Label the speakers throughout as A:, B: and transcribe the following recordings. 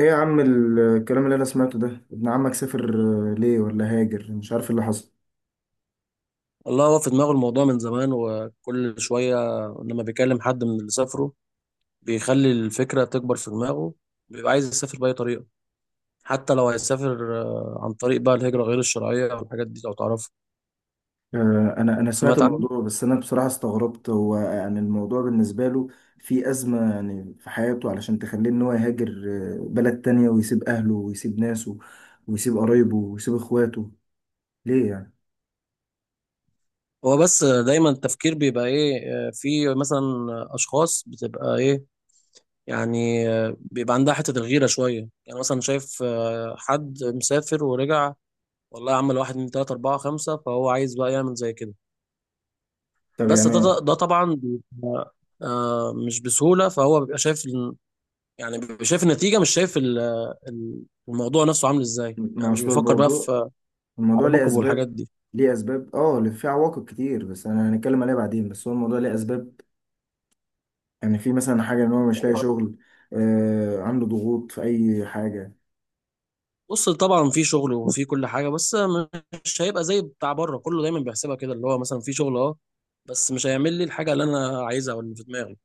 A: ايه يا عم الكلام اللي انا سمعته ده؟ ابن عمك سافر؟ ليه؟ ولا هاجر؟ مش عارف إيه اللي حصل.
B: والله هو في دماغه الموضوع من زمان، وكل شوية لما بيكلم حد من اللي سافروا بيخلي الفكرة تكبر في دماغه. بيبقى عايز يسافر بأي طريقة، حتى لو هيسافر عن طريق بقى الهجرة غير الشرعية أو الحاجات دي لو تعرفها.
A: انا سمعت
B: سمعت عنه.
A: الموضوع، بس انا بصراحة استغربت. هو يعني الموضوع بالنسبة له في أزمة يعني في حياته علشان تخليه ان هو يهاجر بلد تانية ويسيب اهله ويسيب ناسه ويسيب قرايبه ويسيب اخواته؟ ليه يعني؟
B: هو بس دايما التفكير بيبقى إيه، في مثلا أشخاص بتبقى إيه، يعني بيبقى عندها حتة الغيرة شوية، يعني مثلا شايف حد مسافر ورجع والله يا عم الواحد من تلاتة أربعة خمسة، فهو عايز بقى يعمل زي كده.
A: طب
B: بس ده
A: يعني
B: ده ده طبعا بيبقى مش بسهولة، فهو بيبقى شايف يعني بيبقى شايف النتيجة، مش شايف ال- الموضوع نفسه عامل ازاي، يعني
A: ما
B: مش
A: اصل
B: بيفكر بقى
A: الموضوع،
B: في
A: الموضوع ليه
B: عواقب والحاجات
A: اسباب.
B: دي.
A: ليه اسباب، اه، في عواقب كتير، بس انا هنتكلم عليها بعدين. بس هو الموضوع ليه اسباب، يعني في مثلا حاجة ان هو مش لاقي شغل؟ آه، عنده ضغوط في اي حاجة؟
B: بص، طبعا في شغل وفي كل حاجة، بس مش هيبقى زي بتاع بره. كله دايما بيحسبها كده، اللي هو مثلا في شغل اه، بس مش هيعمل لي الحاجة اللي انا عايزها او اللي في دماغي.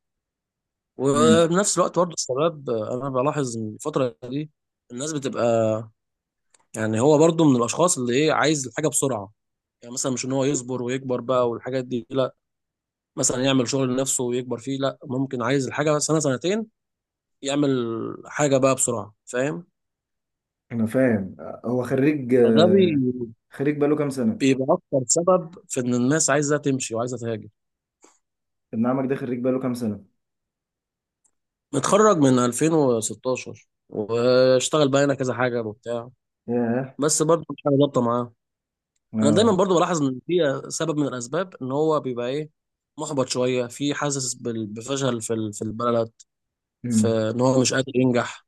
A: امم
B: وبنفس الوقت برضه الشباب، انا بلاحظ إن الفترة دي الناس بتبقى، يعني هو برضه من الاشخاص اللي ايه، عايز الحاجة بسرعة. يعني مثلا مش ان هو يصبر ويكبر بقى والحاجات دي، لا، مثلا يعمل شغل لنفسه ويكبر فيه، لا، ممكن عايز الحاجه سنه سنتين يعمل حاجه بقى بسرعه، فاهم؟
A: انا فاهم. هو خريج،
B: فده بي-
A: خريج بقاله كام سنة؟
B: بيبقى اكتر سبب في ان الناس عايزه تمشي وعايزه تهاجر.
A: ابن عمك ده خريج بقاله كام سنة؟
B: متخرج من 2016 واشتغل بقى هنا كذا حاجه وبتاع،
A: ياه.
B: بس برضه مش حاجه ظابطه معاه. انا دايما
A: اه.
B: برضه بلاحظ ان في سبب من الاسباب ان هو بيبقى ايه، محبط شويه، في حاسس بفشل في في البلد، في
A: امم
B: ان هو مش قادر ينجح،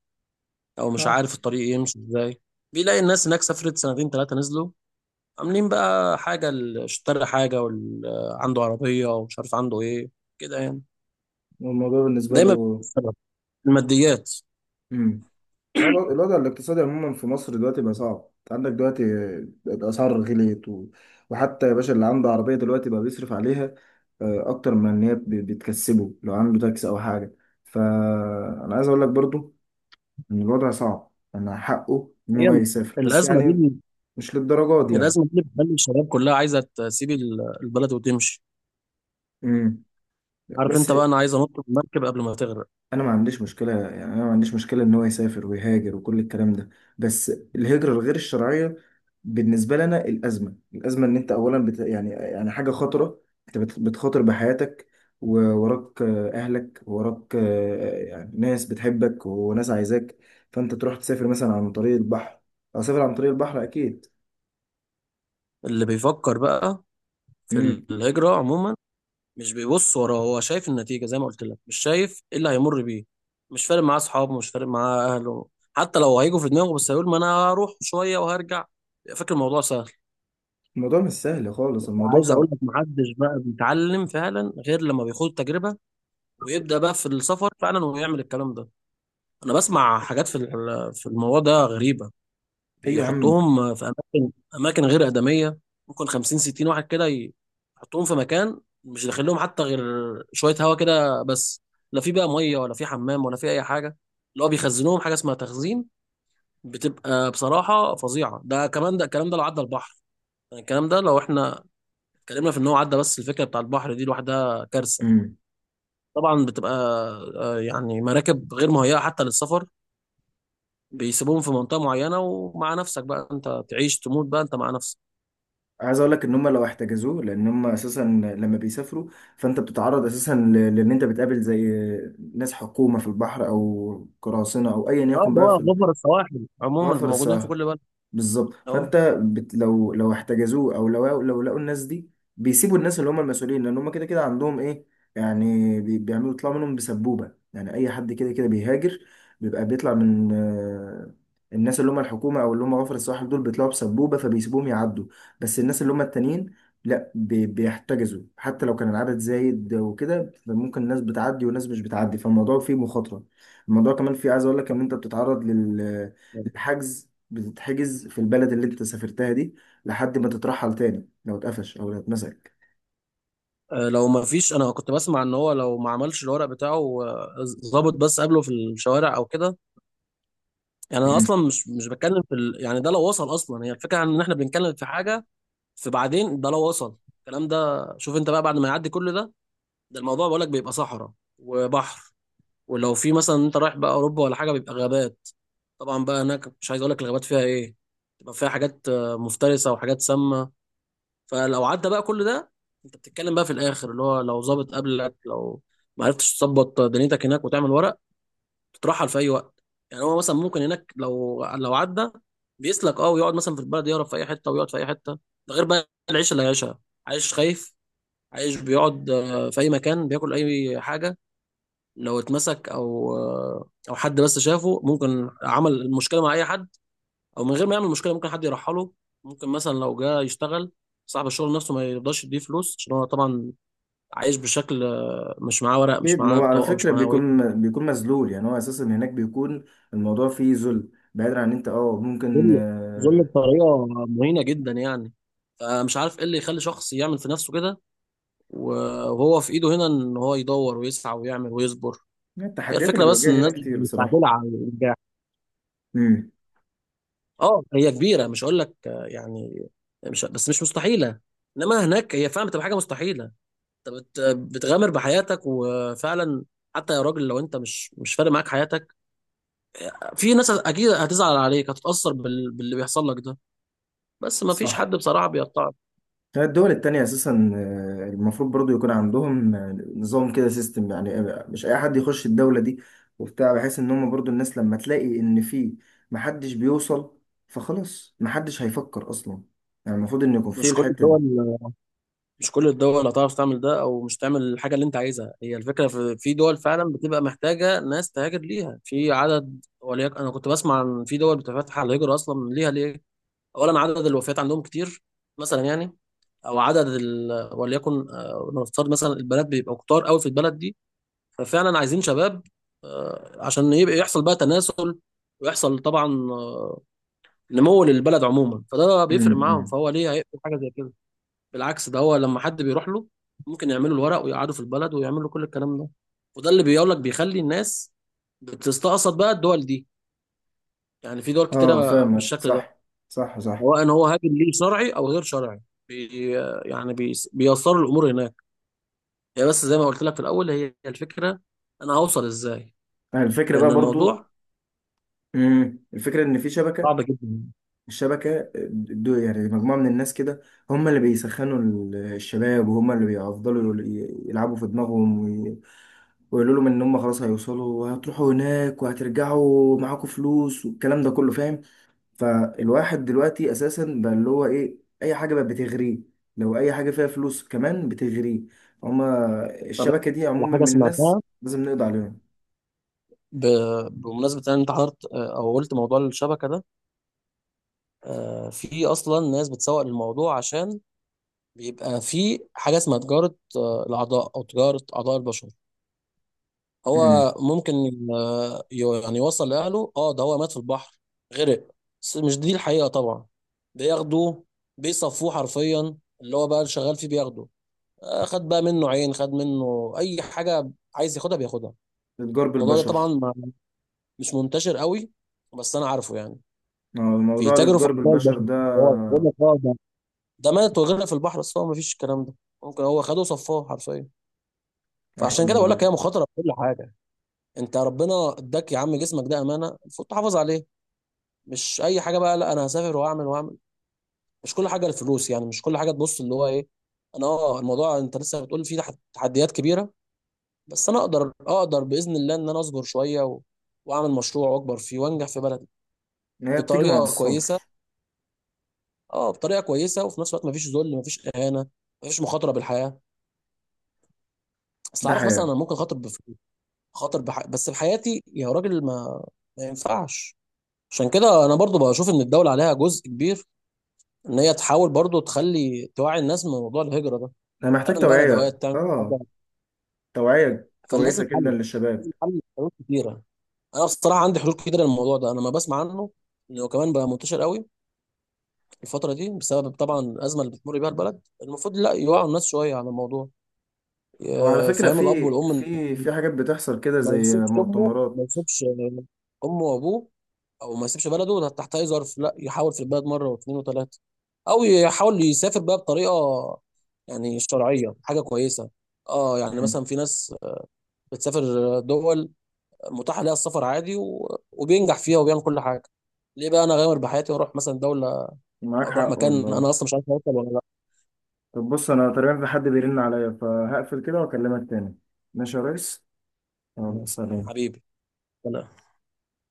B: او مش
A: اه.
B: عارف الطريق يمشي ازاي. بيلاقي الناس هناك سافرت سنتين ثلاثه نزلوا عاملين بقى حاجه، اشترى حاجه عنده عربيه، ومش عارف عنده ايه كده يعني.
A: والموضوع بالنسبة
B: دايما بيكون
A: له؟
B: السبب الماديات.
A: امم. الوضع الاقتصادي عموما في مصر دلوقتي بقى صعب. أنت عندك دلوقتي الأسعار غليت وحتى يا باشا اللي عنده عربية دلوقتي بقى بيصرف عليها أكتر من إن بتكسبه، لو عنده تاكس أو حاجة. فأنا عايز أقول لك برضو إن الوضع صعب، أنا حقه إن
B: هي
A: هو يسافر، بس
B: الازمه
A: يعني
B: دي،
A: مش للدرجات دي يعني.
B: الازمه دي اللي بتخلي الشباب كلها عايزه تسيب البلد وتمشي.
A: امم.
B: عارف
A: بس
B: انت بقى، انا عايز انط من المركب قبل ما تغرق.
A: أنا ما عنديش مشكلة يعني، أنا ما عنديش مشكلة إن هو يسافر ويهاجر وكل الكلام ده، بس الهجرة الغير الشرعية بالنسبة لنا الأزمة إن يعني يعني حاجة خطرة. بتخاطر بحياتك، ووراك أهلك، ووراك يعني ناس بتحبك وناس عايزاك. فأنت تروح تسافر مثلا عن طريق البحر، أو سافر عن طريق البحر أكيد.
B: اللي بيفكر بقى في
A: امم.
B: الهجره عموما مش بيبص وراه، هو شايف النتيجة زي ما قلت لك، مش شايف ايه اللي هيمر بيه. مش فارق معاه اصحابه، مش فارق معاه اهله، حتى لو هيجوا في دماغه بس هيقول ما انا هروح شوية وهرجع، فاكر الموضوع سهل.
A: الموضوع مش سهل خالص، الموضوع
B: عايز اقول
A: صعب.
B: لك، محدش بقى بيتعلم فعلا غير لما بيخوض تجربة ويبدأ بقى في السفر فعلا ويعمل الكلام ده. انا بسمع حاجات في في الموضوع ده غريبة.
A: ايوه يا عم.
B: بيحطوهم في اماكن غير ادميه، ممكن 50 60 واحد كده يحطوهم في مكان مش داخل لهم حتى غير شويه هوا كده بس، لا في بقى ميه ولا في حمام ولا في اي حاجه. اللي هو بيخزنوهم حاجه اسمها تخزين، بتبقى بصراحه فظيعه. ده كمان ده الكلام ده لو عدى البحر، يعني الكلام ده لو احنا اتكلمنا في ان هو عدى، بس الفكره بتاع البحر دي لوحدها كارثه.
A: امم.
B: طبعا بتبقى يعني مراكب غير مهيئه حتى للسفر، بيسيبوهم في منطقه معينه ومع نفسك بقى، انت تعيش تموت بقى، انت مع نفسك.
A: عايز اقول لك ان هم لو احتجزوه، لان هم اساسا لما بيسافروا فانت بتتعرض اساسا لان انت بتقابل زي ناس حكومه في البحر او قراصنه او ايا
B: اه،
A: يكن،
B: اللي
A: بقى
B: هو
A: في
B: غبر السواحل عموما
A: الغفر
B: موجودين في
A: السهل
B: كل بلد،
A: بالظبط.
B: اه.
A: لو لو احتجزوه، او لو لقوا الناس دي، بيسيبوا الناس اللي هم المسؤولين، لان هم كده كده عندهم ايه يعني، بيعملوا يطلعوا منهم بسبوبه. يعني اي حد كده كده بيهاجر بيبقى بيطلع من الناس اللي هم الحكومه او اللي هم غفر الصالح دول، بيطلعوا بسبوبه فبيسيبوهم يعدوا. بس الناس اللي هم التانيين لا، بيحتجزوا. حتى لو كان العدد زايد وكده فممكن الناس بتعدي وناس مش بتعدي، فالموضوع فيه مخاطره. الموضوع كمان فيه، عايز اقول لك ان انت بتتعرض لل الحجز، بتتحجز في البلد اللي انت سافرتها دي لحد ما تترحل تاني لو اتقفش او لو اتمسك.
B: لو ما فيش، انا كنت بسمع ان هو لو ما عملش الورق بتاعه ظابط بس قبله في الشوارع او كده، يعني انا
A: مم.
B: اصلا مش بتكلم في يعني ده لو وصل اصلا، هي الفكره ان احنا بنتكلم في حاجه في بعدين، ده لو وصل الكلام ده. شوف انت بقى، بعد ما يعدي كل ده، ده الموضوع بقولك بيبقى صحراء وبحر، ولو في مثلا انت رايح بقى اوروبا ولا حاجه بيبقى غابات، طبعا بقى هناك مش عايز اقولك الغابات فيها ايه، تبقى فيها حاجات مفترسه وحاجات سامه. فلو عدى بقى كل ده، انت بتتكلم بقى في الاخر اللي هو لو ظابط قبلك، لو ما عرفتش تظبط دنيتك هناك وتعمل ورق تترحل في اي وقت. يعني هو مثلا ممكن هناك لو عدى بيسلك اه، ويقعد مثلا في البلد يهرب في اي حته ويقعد في اي حته. ده غير بقى العيشه اللي عايشها، عايش خايف، عايش بيقعد في اي مكان بياكل اي حاجه. لو اتمسك او او حد بس شافه ممكن عمل المشكله مع اي حد، او من غير ما يعمل مشكله ممكن حد يرحله. ممكن مثلا لو جه يشتغل صاحب الشغل نفسه ما يرضاش يديه فلوس، عشان هو طبعا عايش بشكل مش معاه ورق، مش
A: اكيد، ما
B: معاه
A: هو على
B: بطاقه، مش
A: فكره
B: معاه هويه.
A: بيكون بيكون مذلول. يعني هو اساسا هناك بيكون الموضوع فيه ذل، بعيدا عن انت اه ممكن
B: ذل، ذل
A: آه،
B: بطريقه مهينه جدا يعني. فمش عارف ايه اللي يخلي شخص يعمل في نفسه كده، وهو في ايده هنا ان هو يدور ويسعى ويعمل ويصبر. هي
A: التحديات اللي
B: الفكره بس ان
A: بيواجهها هنا
B: الناس
A: كتير بصراحه.
B: مستعجله على النجاح.
A: مم.
B: اه هي كبيره، مش هقول لك يعني، مش بس مش مستحيله، انما هناك هي فعلا بتبقى حاجه مستحيله. انت بت- بتغامر بحياتك وفعلا، حتى يا راجل لو انت مش فارق معاك حياتك، في ناس اكيد هتزعل عليك، هتتأثر باللي بيحصل لك ده. بس ما فيش
A: صح.
B: حد بصراحة بيقطعك.
A: الدول التانية أساسا المفروض برضو يكون عندهم نظام كده، سيستم يعني، مش أي حد يخش الدولة دي وبتاع، بحيث إن هم برضو الناس لما تلاقي إن في محدش بيوصل فخلاص محدش هيفكر أصلا. يعني المفروض إن يكون في
B: مش كل
A: الحتة
B: الدول،
A: دي.
B: مش كل الدول هتعرف تعمل ده او مش تعمل الحاجة اللي انت عايزها. هي الفكرة في دول فعلا بتبقى محتاجة ناس تهاجر ليها في عدد، وليك، انا كنت بسمع عن في دول بتفتح على الهجرة اصلا ليها ليه. اولا عدد الوفيات عندهم كتير مثلا يعني، او عدد وليكن نفترض مثلا البنات بيبقوا كتار قوي في البلد دي، ففعلا عايزين شباب عشان يبقى يحصل بقى تناسل، ويحصل طبعا آه، نمو للبلد عموما، فده
A: أمم،
B: بيفرق معاهم،
A: أمم.
B: فهو ليه هيقبل حاجه زي كده؟ بالعكس، ده هو لما حد بيروح له ممكن يعملوا الورق ويقعدوا في البلد ويعملوا كل الكلام ده، وده اللي بيقول لك بيخلي الناس بتستقصد بقى الدول دي، يعني في دول
A: اه
B: كتيره
A: فاهمك،
B: بالشكل ده،
A: صح صح صح.
B: سواء ان هو هاجم ليه شرعي او غير شرعي، بي يعني بيسروا الامور هناك. هي بس زي ما قلت لك في الاول، هي الفكره انا هوصل ازاي،
A: يعني الفكرة
B: لان
A: بقى برضو،
B: الموضوع
A: أمم، الفكرة إن في شبكة.
B: صعب جدا.
A: الشبكة دو يعني مجموعة من الناس كده، هم اللي الشباب، وهم اللي بيفضلوا يلعبوا في دماغهم ويقولوا لهم ان هم خلاص هيوصلوا وهتروحوا هناك وهترجعوا معاكم فلوس والكلام ده كله، فاهم؟ فالواحد دلوقتي اساسا بقى اللي هو ايه، اي حاجه بقت بتغريه، لو اي حاجه فيها فلوس كمان بتغريه. هما
B: طب أنا
A: الشبكه
B: أحكي
A: دي
B: لك على
A: عموما
B: حاجه
A: من الناس
B: سمعتها
A: لازم نقضي عليهم.
B: بمناسبه ان انت حضرت، او قلت موضوع الشبكه ده. في اصلا ناس بتسوق للموضوع، عشان بيبقى في حاجه اسمها تجاره الاعضاء، او تجاره اعضاء البشر.
A: امم.
B: هو ممكن آه، يعني يوصل لاهله اه ده هو مات في البحر، غرق، بس مش دي الحقيقه طبعا. بياخدوه بيصفوه حرفيا، اللي هو بقى اللي شغال فيه بياخده خد بقى منه عين، خد منه اي حاجه عايز ياخدها بياخدها.
A: الاتجار
B: الموضوع ده
A: بالبشر.
B: طبعا مش منتشر قوي، بس انا عارفه يعني
A: موضوع
B: بيتاجروا في
A: الاتجار
B: اعضاء
A: بالبشر
B: البشر.
A: ده،
B: هو بيقول لك اه ده مات وغيرنا في البحر، بس هو مفيش الكلام ده، ممكن هو خده وصفاه حرفيا.
A: يا حول
B: فعشان كده
A: ولا
B: بقول لك، هي
A: قوة.
B: مخاطره في كل حاجه. انت ربنا اداك يا عم، جسمك ده امانه المفروض تحافظ عليه، مش اي حاجه بقى لا انا هسافر واعمل واعمل. مش كل حاجه الفلوس يعني، مش كل حاجه تبص اللي هو ايه. انا اه الموضوع انت لسه بتقول فيه تحديات كبيره، بس انا اقدر باذن الله ان انا اصبر شويه واعمل مشروع واكبر فيه وانجح في بلدي
A: هي بتيجي مع
B: بطريقه
A: الصبر.
B: كويسه. اه بطريقه كويسه، وفي نفس الوقت مفيش ذل، مفيش اهانه، مفيش مخاطره بالحياه. اصل
A: ده
B: عارف مثلا
A: حياه.
B: انا ممكن خاطر بفلوس، بس بحياتي يا راجل، ما ينفعش. عشان كده انا برضو بشوف ان الدوله عليها جزء كبير ان هي تحاول برضو تخلي توعي الناس من موضوع الهجره ده،
A: انا محتاج
B: تعمل بقى
A: توعيه،
B: ندوات، تعمل حاجه.
A: اه توعيه كويسه
B: فلازم
A: جدا
B: حل، لازم
A: للشباب.
B: حل، حلول كتيره. انا بصراحه عندي حلول كتيره للموضوع ده، انا ما بسمع عنه انه كمان بقى منتشر قوي الفتره دي بسبب طبعا الازمه اللي بتمر بيها البلد. المفروض لا يوعوا الناس شويه على الموضوع
A: هو على فكرة
B: فاهم الاب
A: في
B: والام
A: في حاجات بتحصل كده
B: ما
A: زي
B: يسيبش امه، ما
A: مؤتمرات.
B: يسيبش امه وابوه، او ما يسيبش بلده ده تحت اي ظرف، لا يحاول في البلد مره واثنين وثلاثه، او يحاول يسافر بقى بطريقه يعني شرعيه حاجه كويسه. اه يعني
A: مم.
B: مثلا في ناس بتسافر دول متاح لها السفر عادي وبينجح فيها وبيعمل كل حاجه. ليه بقى انا غامر بحياتي واروح مثلا دوله
A: معاك
B: او اروح
A: حق
B: مكان
A: والله.
B: انا اصلا مش عارف اوصل ولا لا؟
A: طب بص، أنا تقريبا في حد بيرن عليا فهقفل كده وأكلمك تاني. ماشي يا ريس. يلا،
B: يعني
A: سلام.
B: حبيبي